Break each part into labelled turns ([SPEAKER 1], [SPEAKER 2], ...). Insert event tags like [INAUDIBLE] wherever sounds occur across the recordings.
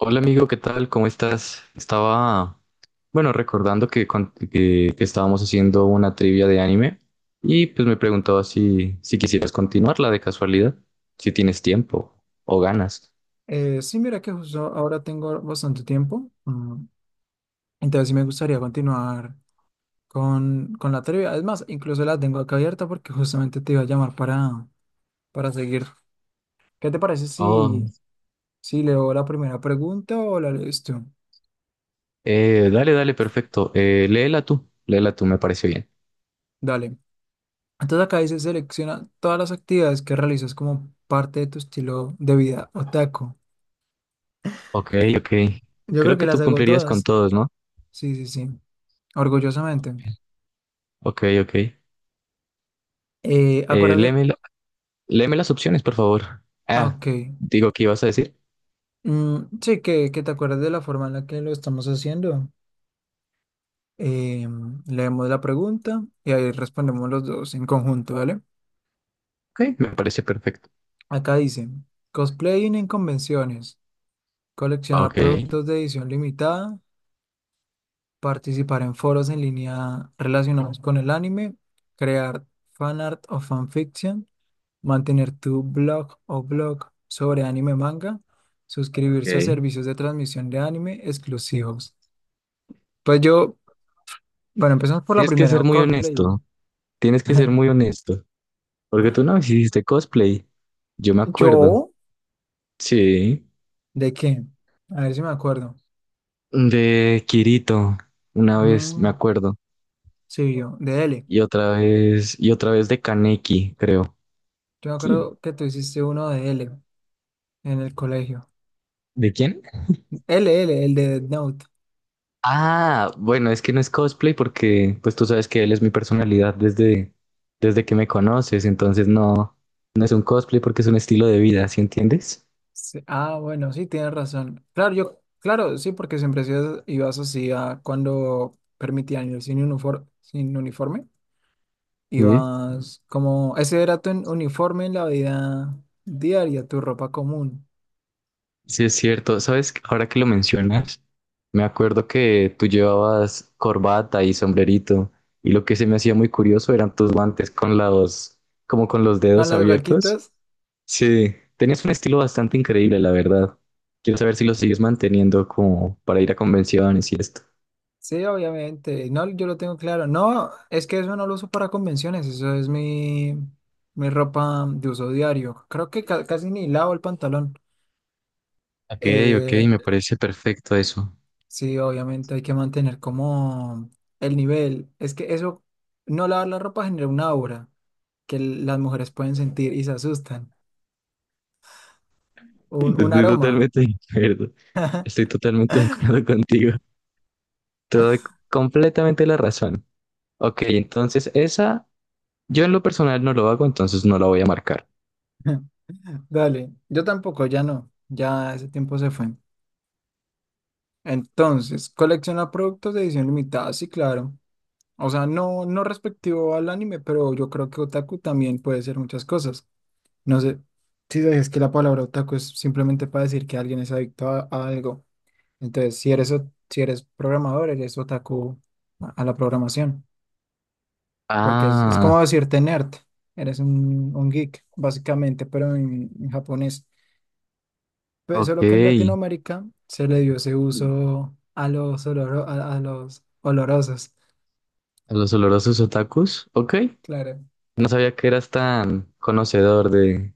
[SPEAKER 1] Hola amigo, ¿qué tal? ¿Cómo estás? Estaba, bueno, recordando que, que estábamos haciendo una trivia de anime y pues me preguntaba si quisieras continuarla de casualidad, si tienes tiempo o ganas.
[SPEAKER 2] Sí, mira que justo ahora tengo bastante tiempo, entonces sí me gustaría continuar con la trivia. Es más, incluso la tengo acá abierta porque justamente te iba a llamar para seguir. ¿Qué te parece
[SPEAKER 1] Oh,
[SPEAKER 2] si leo la primera pregunta o la lees tú?
[SPEAKER 1] dale, dale, perfecto. Léela tú, léela tú, me parece bien.
[SPEAKER 2] Dale. Entonces acá dice, selecciona todas las actividades que realizas como parte de tu estilo de vida otaku.
[SPEAKER 1] Ok, ok.
[SPEAKER 2] Yo
[SPEAKER 1] Creo
[SPEAKER 2] creo
[SPEAKER 1] que
[SPEAKER 2] que las
[SPEAKER 1] tú
[SPEAKER 2] hago
[SPEAKER 1] cumplirías con
[SPEAKER 2] todas.
[SPEAKER 1] todos, ¿no?
[SPEAKER 2] Sí, sí, sí. Orgullosamente.
[SPEAKER 1] Ok, ok.
[SPEAKER 2] Acuérdate.
[SPEAKER 1] Léeme, léeme las opciones, por favor.
[SPEAKER 2] Ah,
[SPEAKER 1] Ah,
[SPEAKER 2] ok.
[SPEAKER 1] digo, ¿qué ibas a decir?
[SPEAKER 2] Sí, que te acuerdas de la forma en la que lo estamos haciendo. Eh, Leemos la pregunta y ahí respondemos los dos en conjunto, ¿vale?
[SPEAKER 1] Ok, me parece perfecto.
[SPEAKER 2] Acá dice, cosplaying en convenciones, coleccionar
[SPEAKER 1] Ok,
[SPEAKER 2] productos de edición limitada, participar en foros en línea relacionados con el anime, crear fanart o fanfiction, mantener tu blog o blog sobre anime manga, suscribirse a
[SPEAKER 1] ok.
[SPEAKER 2] servicios de transmisión de anime exclusivos. Pues yo, Bueno, empezamos por la
[SPEAKER 1] Tienes que ser
[SPEAKER 2] primera,
[SPEAKER 1] muy
[SPEAKER 2] cosplay.
[SPEAKER 1] honesto, tienes que ser muy
[SPEAKER 2] [LAUGHS]
[SPEAKER 1] honesto, porque tú no hiciste cosplay, yo me acuerdo,
[SPEAKER 2] ¿Yo?
[SPEAKER 1] sí,
[SPEAKER 2] ¿De qué? A ver si me acuerdo.
[SPEAKER 1] de Kirito, una vez me
[SPEAKER 2] Mm,
[SPEAKER 1] acuerdo,
[SPEAKER 2] sí, yo, de L.
[SPEAKER 1] y otra vez de Kaneki, creo.
[SPEAKER 2] Yo me
[SPEAKER 1] Sí.
[SPEAKER 2] acuerdo que tú hiciste uno de L en el colegio.
[SPEAKER 1] ¿De quién?
[SPEAKER 2] L, L, el de Death Note.
[SPEAKER 1] Ah, bueno, es que no es cosplay porque, pues tú sabes que él es mi personalidad desde que me conoces, entonces no, no es un cosplay porque es un estilo de vida, ¿sí entiendes?
[SPEAKER 2] Sí, ah, bueno, sí, tienes razón. Claro, yo, claro, sí, porque siempre ibas así a cuando permitían ir sin uniforme, sin uniforme.
[SPEAKER 1] Sí.
[SPEAKER 2] Ibas como, ese era tu uniforme en la vida diaria, tu ropa común.
[SPEAKER 1] Sí, es cierto. ¿Sabes? Ahora que lo mencionas, me acuerdo que tú llevabas corbata y sombrerito y lo que se me hacía muy curioso eran tus guantes con los, como con los
[SPEAKER 2] Con
[SPEAKER 1] dedos
[SPEAKER 2] las
[SPEAKER 1] abiertos.
[SPEAKER 2] gaquitas.
[SPEAKER 1] Sí, tenías un estilo bastante increíble, la verdad. Quiero saber si lo sigues manteniendo como para ir a convenciones y esto.
[SPEAKER 2] Sí, obviamente. No, yo lo tengo claro. No, es que eso no lo uso para convenciones, eso es mi ropa de uso diario. Creo que casi ni lavo el pantalón.
[SPEAKER 1] Ok, ok,
[SPEAKER 2] Eh,
[SPEAKER 1] me parece perfecto eso.
[SPEAKER 2] sí, obviamente hay que mantener como el nivel. Es que eso, no lavar la ropa genera una aura que las mujeres pueden sentir y se asustan. Un
[SPEAKER 1] Estoy
[SPEAKER 2] aroma.
[SPEAKER 1] totalmente de acuerdo. Estoy totalmente de acuerdo contigo. Te doy completamente la razón. Ok, entonces esa yo en lo personal no lo hago, entonces no la voy a marcar.
[SPEAKER 2] [LAUGHS] Dale, yo tampoco, ya no, ya ese tiempo se fue. Entonces, colecciona productos de edición limitada, sí, claro. O sea, no respectivo al anime, pero yo creo que otaku también puede ser muchas cosas. No sé si es que la palabra otaku es simplemente para decir que alguien es adicto a algo. Entonces, si eres programador, eres otaku a la programación, porque es
[SPEAKER 1] Ah,
[SPEAKER 2] como decirte nerd. Eres un geek, básicamente, pero en japonés. Pero
[SPEAKER 1] ok.
[SPEAKER 2] solo que en Latinoamérica se le dio ese uso a a los olorosos.
[SPEAKER 1] A los olorosos otakus. Ok.
[SPEAKER 2] Claro.
[SPEAKER 1] No sabía que eras tan conocedor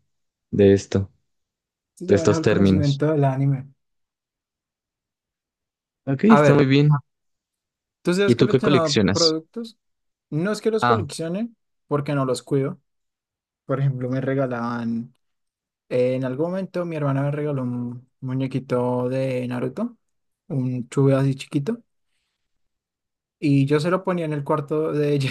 [SPEAKER 1] de esto,
[SPEAKER 2] Sí,
[SPEAKER 1] de
[SPEAKER 2] yo manejo
[SPEAKER 1] estos
[SPEAKER 2] el
[SPEAKER 1] términos.
[SPEAKER 2] conocimiento del anime.
[SPEAKER 1] Ok,
[SPEAKER 2] A
[SPEAKER 1] está
[SPEAKER 2] ver.
[SPEAKER 1] muy bien.
[SPEAKER 2] ¿Tú sí
[SPEAKER 1] ¿Y
[SPEAKER 2] has
[SPEAKER 1] tú qué
[SPEAKER 2] coleccionado
[SPEAKER 1] coleccionas?
[SPEAKER 2] productos? No es que los
[SPEAKER 1] Ah,
[SPEAKER 2] coleccione porque no los cuido. Por ejemplo, en algún momento mi hermana me regaló un muñequito de Naruto, un chube así chiquito, y yo se lo ponía en el cuarto de ella.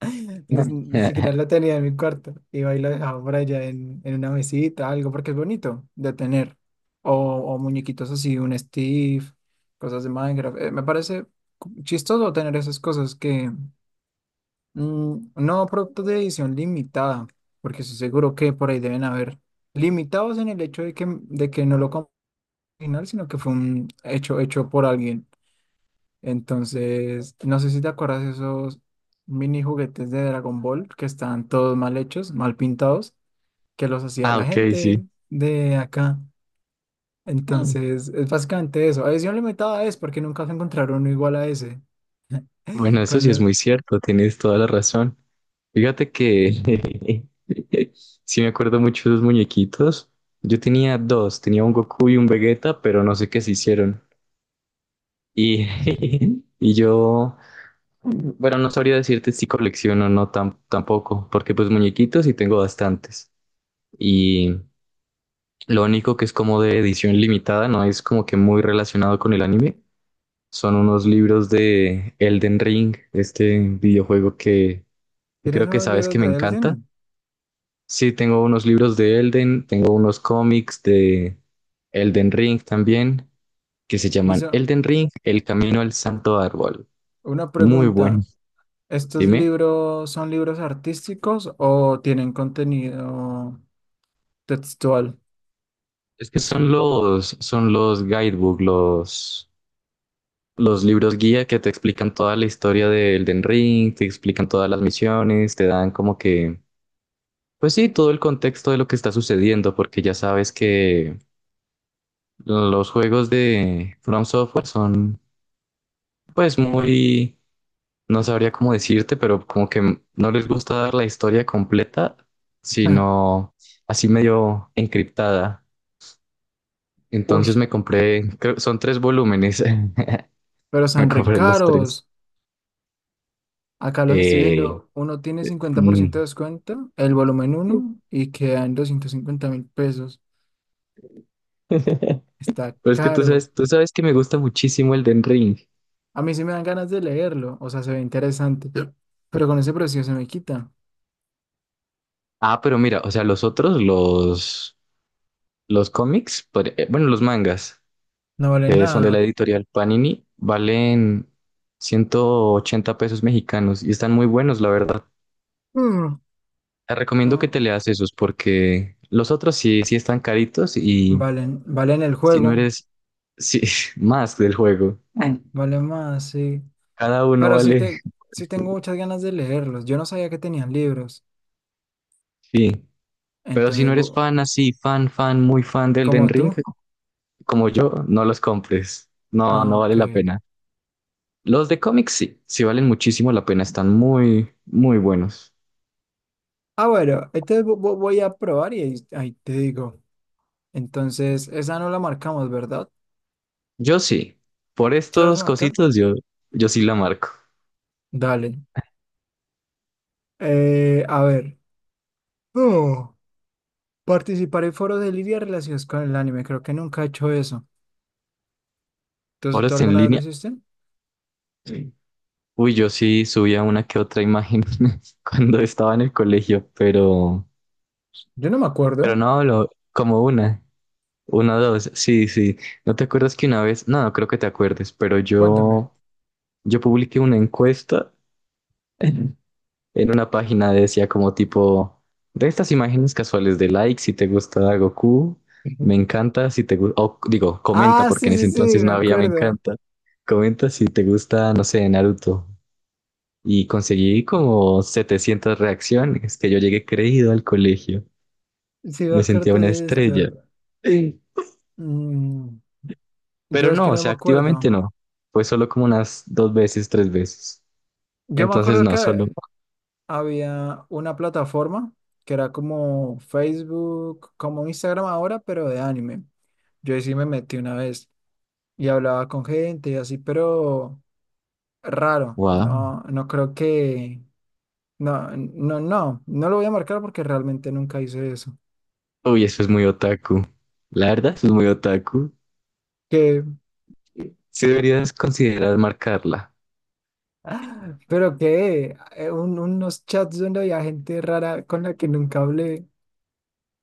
[SPEAKER 2] [LAUGHS] Ni
[SPEAKER 1] [LAUGHS]
[SPEAKER 2] siquiera lo tenía en mi cuarto. Iba y lo dejaba por allá en una mesita, algo, porque es bonito de tener. O muñequitos así, un Steve, cosas de Minecraft. Me parece chistoso tener esas cosas que no, productos de edición limitada, porque estoy seguro que por ahí deben haber limitados en el hecho de que no lo compró original, sino que fue un hecho hecho por alguien. Entonces, no sé si te acuerdas de esos mini juguetes de Dragon Ball que estaban todos mal hechos, mal pintados, que los hacía
[SPEAKER 1] ah,
[SPEAKER 2] la
[SPEAKER 1] ok, sí.
[SPEAKER 2] gente de acá. Entonces, es básicamente eso. Edición limitada es porque nunca se encontraron uno igual a ese.
[SPEAKER 1] Bueno,
[SPEAKER 2] [LAUGHS]
[SPEAKER 1] eso
[SPEAKER 2] Con
[SPEAKER 1] sí es muy
[SPEAKER 2] lo-
[SPEAKER 1] cierto, tienes toda la razón. Fíjate que [LAUGHS] sí me acuerdo mucho de los muñequitos. Yo tenía dos, tenía un Goku y un Vegeta, pero no sé qué se hicieron. Y, [LAUGHS] y yo, bueno, no sabría decirte si colecciono o no tampoco, porque pues muñequitos sí tengo bastantes. Y lo único que es como de edición limitada, no es como que muy relacionado con el anime, son unos libros de Elden Ring, este videojuego que
[SPEAKER 2] ¿Tienes
[SPEAKER 1] creo que
[SPEAKER 2] unos
[SPEAKER 1] sabes que
[SPEAKER 2] libros
[SPEAKER 1] me
[SPEAKER 2] de
[SPEAKER 1] encanta.
[SPEAKER 2] Elden?
[SPEAKER 1] Sí, tengo unos libros de Elden, tengo unos cómics de Elden Ring también, que se llaman Elden Ring, El Camino al Santo Árbol.
[SPEAKER 2] Una
[SPEAKER 1] Muy bueno.
[SPEAKER 2] pregunta, ¿estos
[SPEAKER 1] Dime.
[SPEAKER 2] libros son libros artísticos o tienen contenido textual?
[SPEAKER 1] Es que son los guidebook, los libros guía que te explican toda la historia del Den Ring, te explican todas las misiones, te dan como que, pues sí, todo el contexto de lo que está sucediendo, porque ya sabes que los juegos de From Software son, pues muy, no sabría cómo decirte, pero como que no les gusta dar la historia completa,
[SPEAKER 2] [LAUGHS] Ah,
[SPEAKER 1] sino así medio encriptada.
[SPEAKER 2] uy,
[SPEAKER 1] Entonces me compré, son tres volúmenes. [LAUGHS]
[SPEAKER 2] pero
[SPEAKER 1] [LAUGHS] A
[SPEAKER 2] son re
[SPEAKER 1] cobrar los tres.
[SPEAKER 2] caros. Acá los estoy
[SPEAKER 1] Eh,
[SPEAKER 2] viendo, uno tiene 50%
[SPEAKER 1] mm.
[SPEAKER 2] de descuento, el volumen uno y queda en 250.000 pesos.
[SPEAKER 1] [LAUGHS]
[SPEAKER 2] Está
[SPEAKER 1] Pero es que
[SPEAKER 2] caro.
[SPEAKER 1] tú sabes que me gusta muchísimo el Den Ring.
[SPEAKER 2] A mí sí me dan ganas de leerlo, o sea, se ve interesante, pero con ese precio se me quita.
[SPEAKER 1] Ah, pero mira, o sea, los otros, los cómics, bueno, los mangas,
[SPEAKER 2] No vale
[SPEAKER 1] que son de la
[SPEAKER 2] nada.
[SPEAKER 1] editorial Panini, valen 180 pesos mexicanos y están muy buenos, la verdad.
[SPEAKER 2] Mm,
[SPEAKER 1] Te recomiendo que te
[SPEAKER 2] mm,
[SPEAKER 1] leas esos porque los otros sí, sí están caritos y
[SPEAKER 2] Valen, valen el
[SPEAKER 1] si no
[SPEAKER 2] juego,
[SPEAKER 1] eres sí, [LAUGHS] más del juego. Ay,
[SPEAKER 2] vale más, sí.
[SPEAKER 1] cada uno
[SPEAKER 2] Pero sí,
[SPEAKER 1] vale,
[SPEAKER 2] te, sí tengo muchas ganas de leerlos. Yo no sabía que tenían libros.
[SPEAKER 1] sí. Pero si
[SPEAKER 2] Entonces,
[SPEAKER 1] no eres
[SPEAKER 2] vo-
[SPEAKER 1] fan así, fan, fan, muy fan de Elden
[SPEAKER 2] como
[SPEAKER 1] Ring,
[SPEAKER 2] tú.
[SPEAKER 1] como yo, no los compres. No,
[SPEAKER 2] Ah,
[SPEAKER 1] no vale
[SPEAKER 2] ok.
[SPEAKER 1] la pena. Los de cómics sí, sí valen muchísimo la pena, están muy, muy buenos.
[SPEAKER 2] Ah, bueno, entonces voy a probar y ahí te digo. Entonces, esa no la marcamos, ¿verdad?
[SPEAKER 1] Yo sí, por
[SPEAKER 2] ¿Sí la vas a
[SPEAKER 1] estos
[SPEAKER 2] marcar?
[SPEAKER 1] cositos yo sí la marco.
[SPEAKER 2] Dale. A ver. Oh, participar en foros de lidia relacionados con el anime. Creo que nunca he hecho eso.
[SPEAKER 1] Ahora
[SPEAKER 2] ¿Tú
[SPEAKER 1] está en
[SPEAKER 2] alguna vez lo
[SPEAKER 1] línea.
[SPEAKER 2] hiciste?
[SPEAKER 1] Sí. Uy, yo sí subía una que otra imagen [LAUGHS] cuando estaba en el colegio, pero...
[SPEAKER 2] Yo no me
[SPEAKER 1] Pero
[SPEAKER 2] acuerdo.
[SPEAKER 1] no hablo como una, dos. Sí, sí. ¿No te acuerdas que una vez? No, no creo que te acuerdes, pero
[SPEAKER 2] Cuéntame.
[SPEAKER 1] yo publiqué una encuesta [LAUGHS] en una página, decía como tipo de estas imágenes casuales de like si te gusta Goku,
[SPEAKER 2] Ujú.
[SPEAKER 1] me encanta si te gusta, o digo, comenta
[SPEAKER 2] Ah,
[SPEAKER 1] porque
[SPEAKER 2] sí,
[SPEAKER 1] en ese
[SPEAKER 2] sí, sí,
[SPEAKER 1] entonces
[SPEAKER 2] me
[SPEAKER 1] no había me
[SPEAKER 2] acuerdo.
[SPEAKER 1] encanta. Comenta si te gusta, no sé, Naruto. Y conseguí como 700 reacciones que yo llegué creído al colegio.
[SPEAKER 2] Sí, me
[SPEAKER 1] Me sentía
[SPEAKER 2] acuerdo
[SPEAKER 1] una
[SPEAKER 2] de
[SPEAKER 1] estrella.
[SPEAKER 2] esto.
[SPEAKER 1] [LAUGHS]
[SPEAKER 2] Mm.
[SPEAKER 1] Pero
[SPEAKER 2] Yo es
[SPEAKER 1] no,
[SPEAKER 2] que
[SPEAKER 1] o
[SPEAKER 2] no me
[SPEAKER 1] sea, activamente
[SPEAKER 2] acuerdo.
[SPEAKER 1] no. Fue solo como unas dos veces, tres veces.
[SPEAKER 2] Yo me
[SPEAKER 1] Entonces,
[SPEAKER 2] acuerdo
[SPEAKER 1] no,
[SPEAKER 2] que
[SPEAKER 1] solo.
[SPEAKER 2] había una plataforma que era como Facebook, como Instagram ahora, pero de anime. Yo ahí sí me metí una vez y hablaba con gente y así, pero raro.
[SPEAKER 1] Wow.
[SPEAKER 2] No, no creo que. No, no, no, no lo voy a marcar porque realmente nunca hice eso.
[SPEAKER 1] Uy, eso es muy otaku. La verdad, eso es muy otaku.
[SPEAKER 2] Que,
[SPEAKER 1] Sí deberías considerar marcarla.
[SPEAKER 2] [LAUGHS] pero que unos chats donde había gente rara con la que nunca hablé.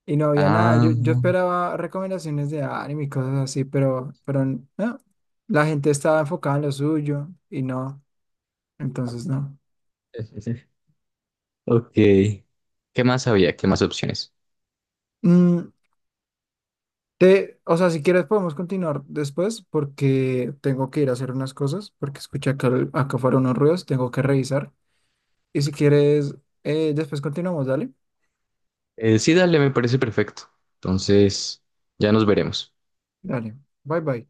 [SPEAKER 2] Y no había nada.
[SPEAKER 1] Ah,
[SPEAKER 2] Yo esperaba recomendaciones de anime y cosas así, pero no. La gente estaba enfocada en lo suyo y no. Entonces no.
[SPEAKER 1] [LAUGHS] ok. ¿Qué más había? ¿Qué más opciones?
[SPEAKER 2] Mm, o sea, si quieres podemos continuar después porque tengo que ir a hacer unas cosas porque escuché acá fueron unos ruidos, tengo que revisar. Y si quieres, después continuamos, dale.
[SPEAKER 1] Sí, dale, me parece perfecto. Entonces, ya nos veremos.
[SPEAKER 2] Dale. Bye bye.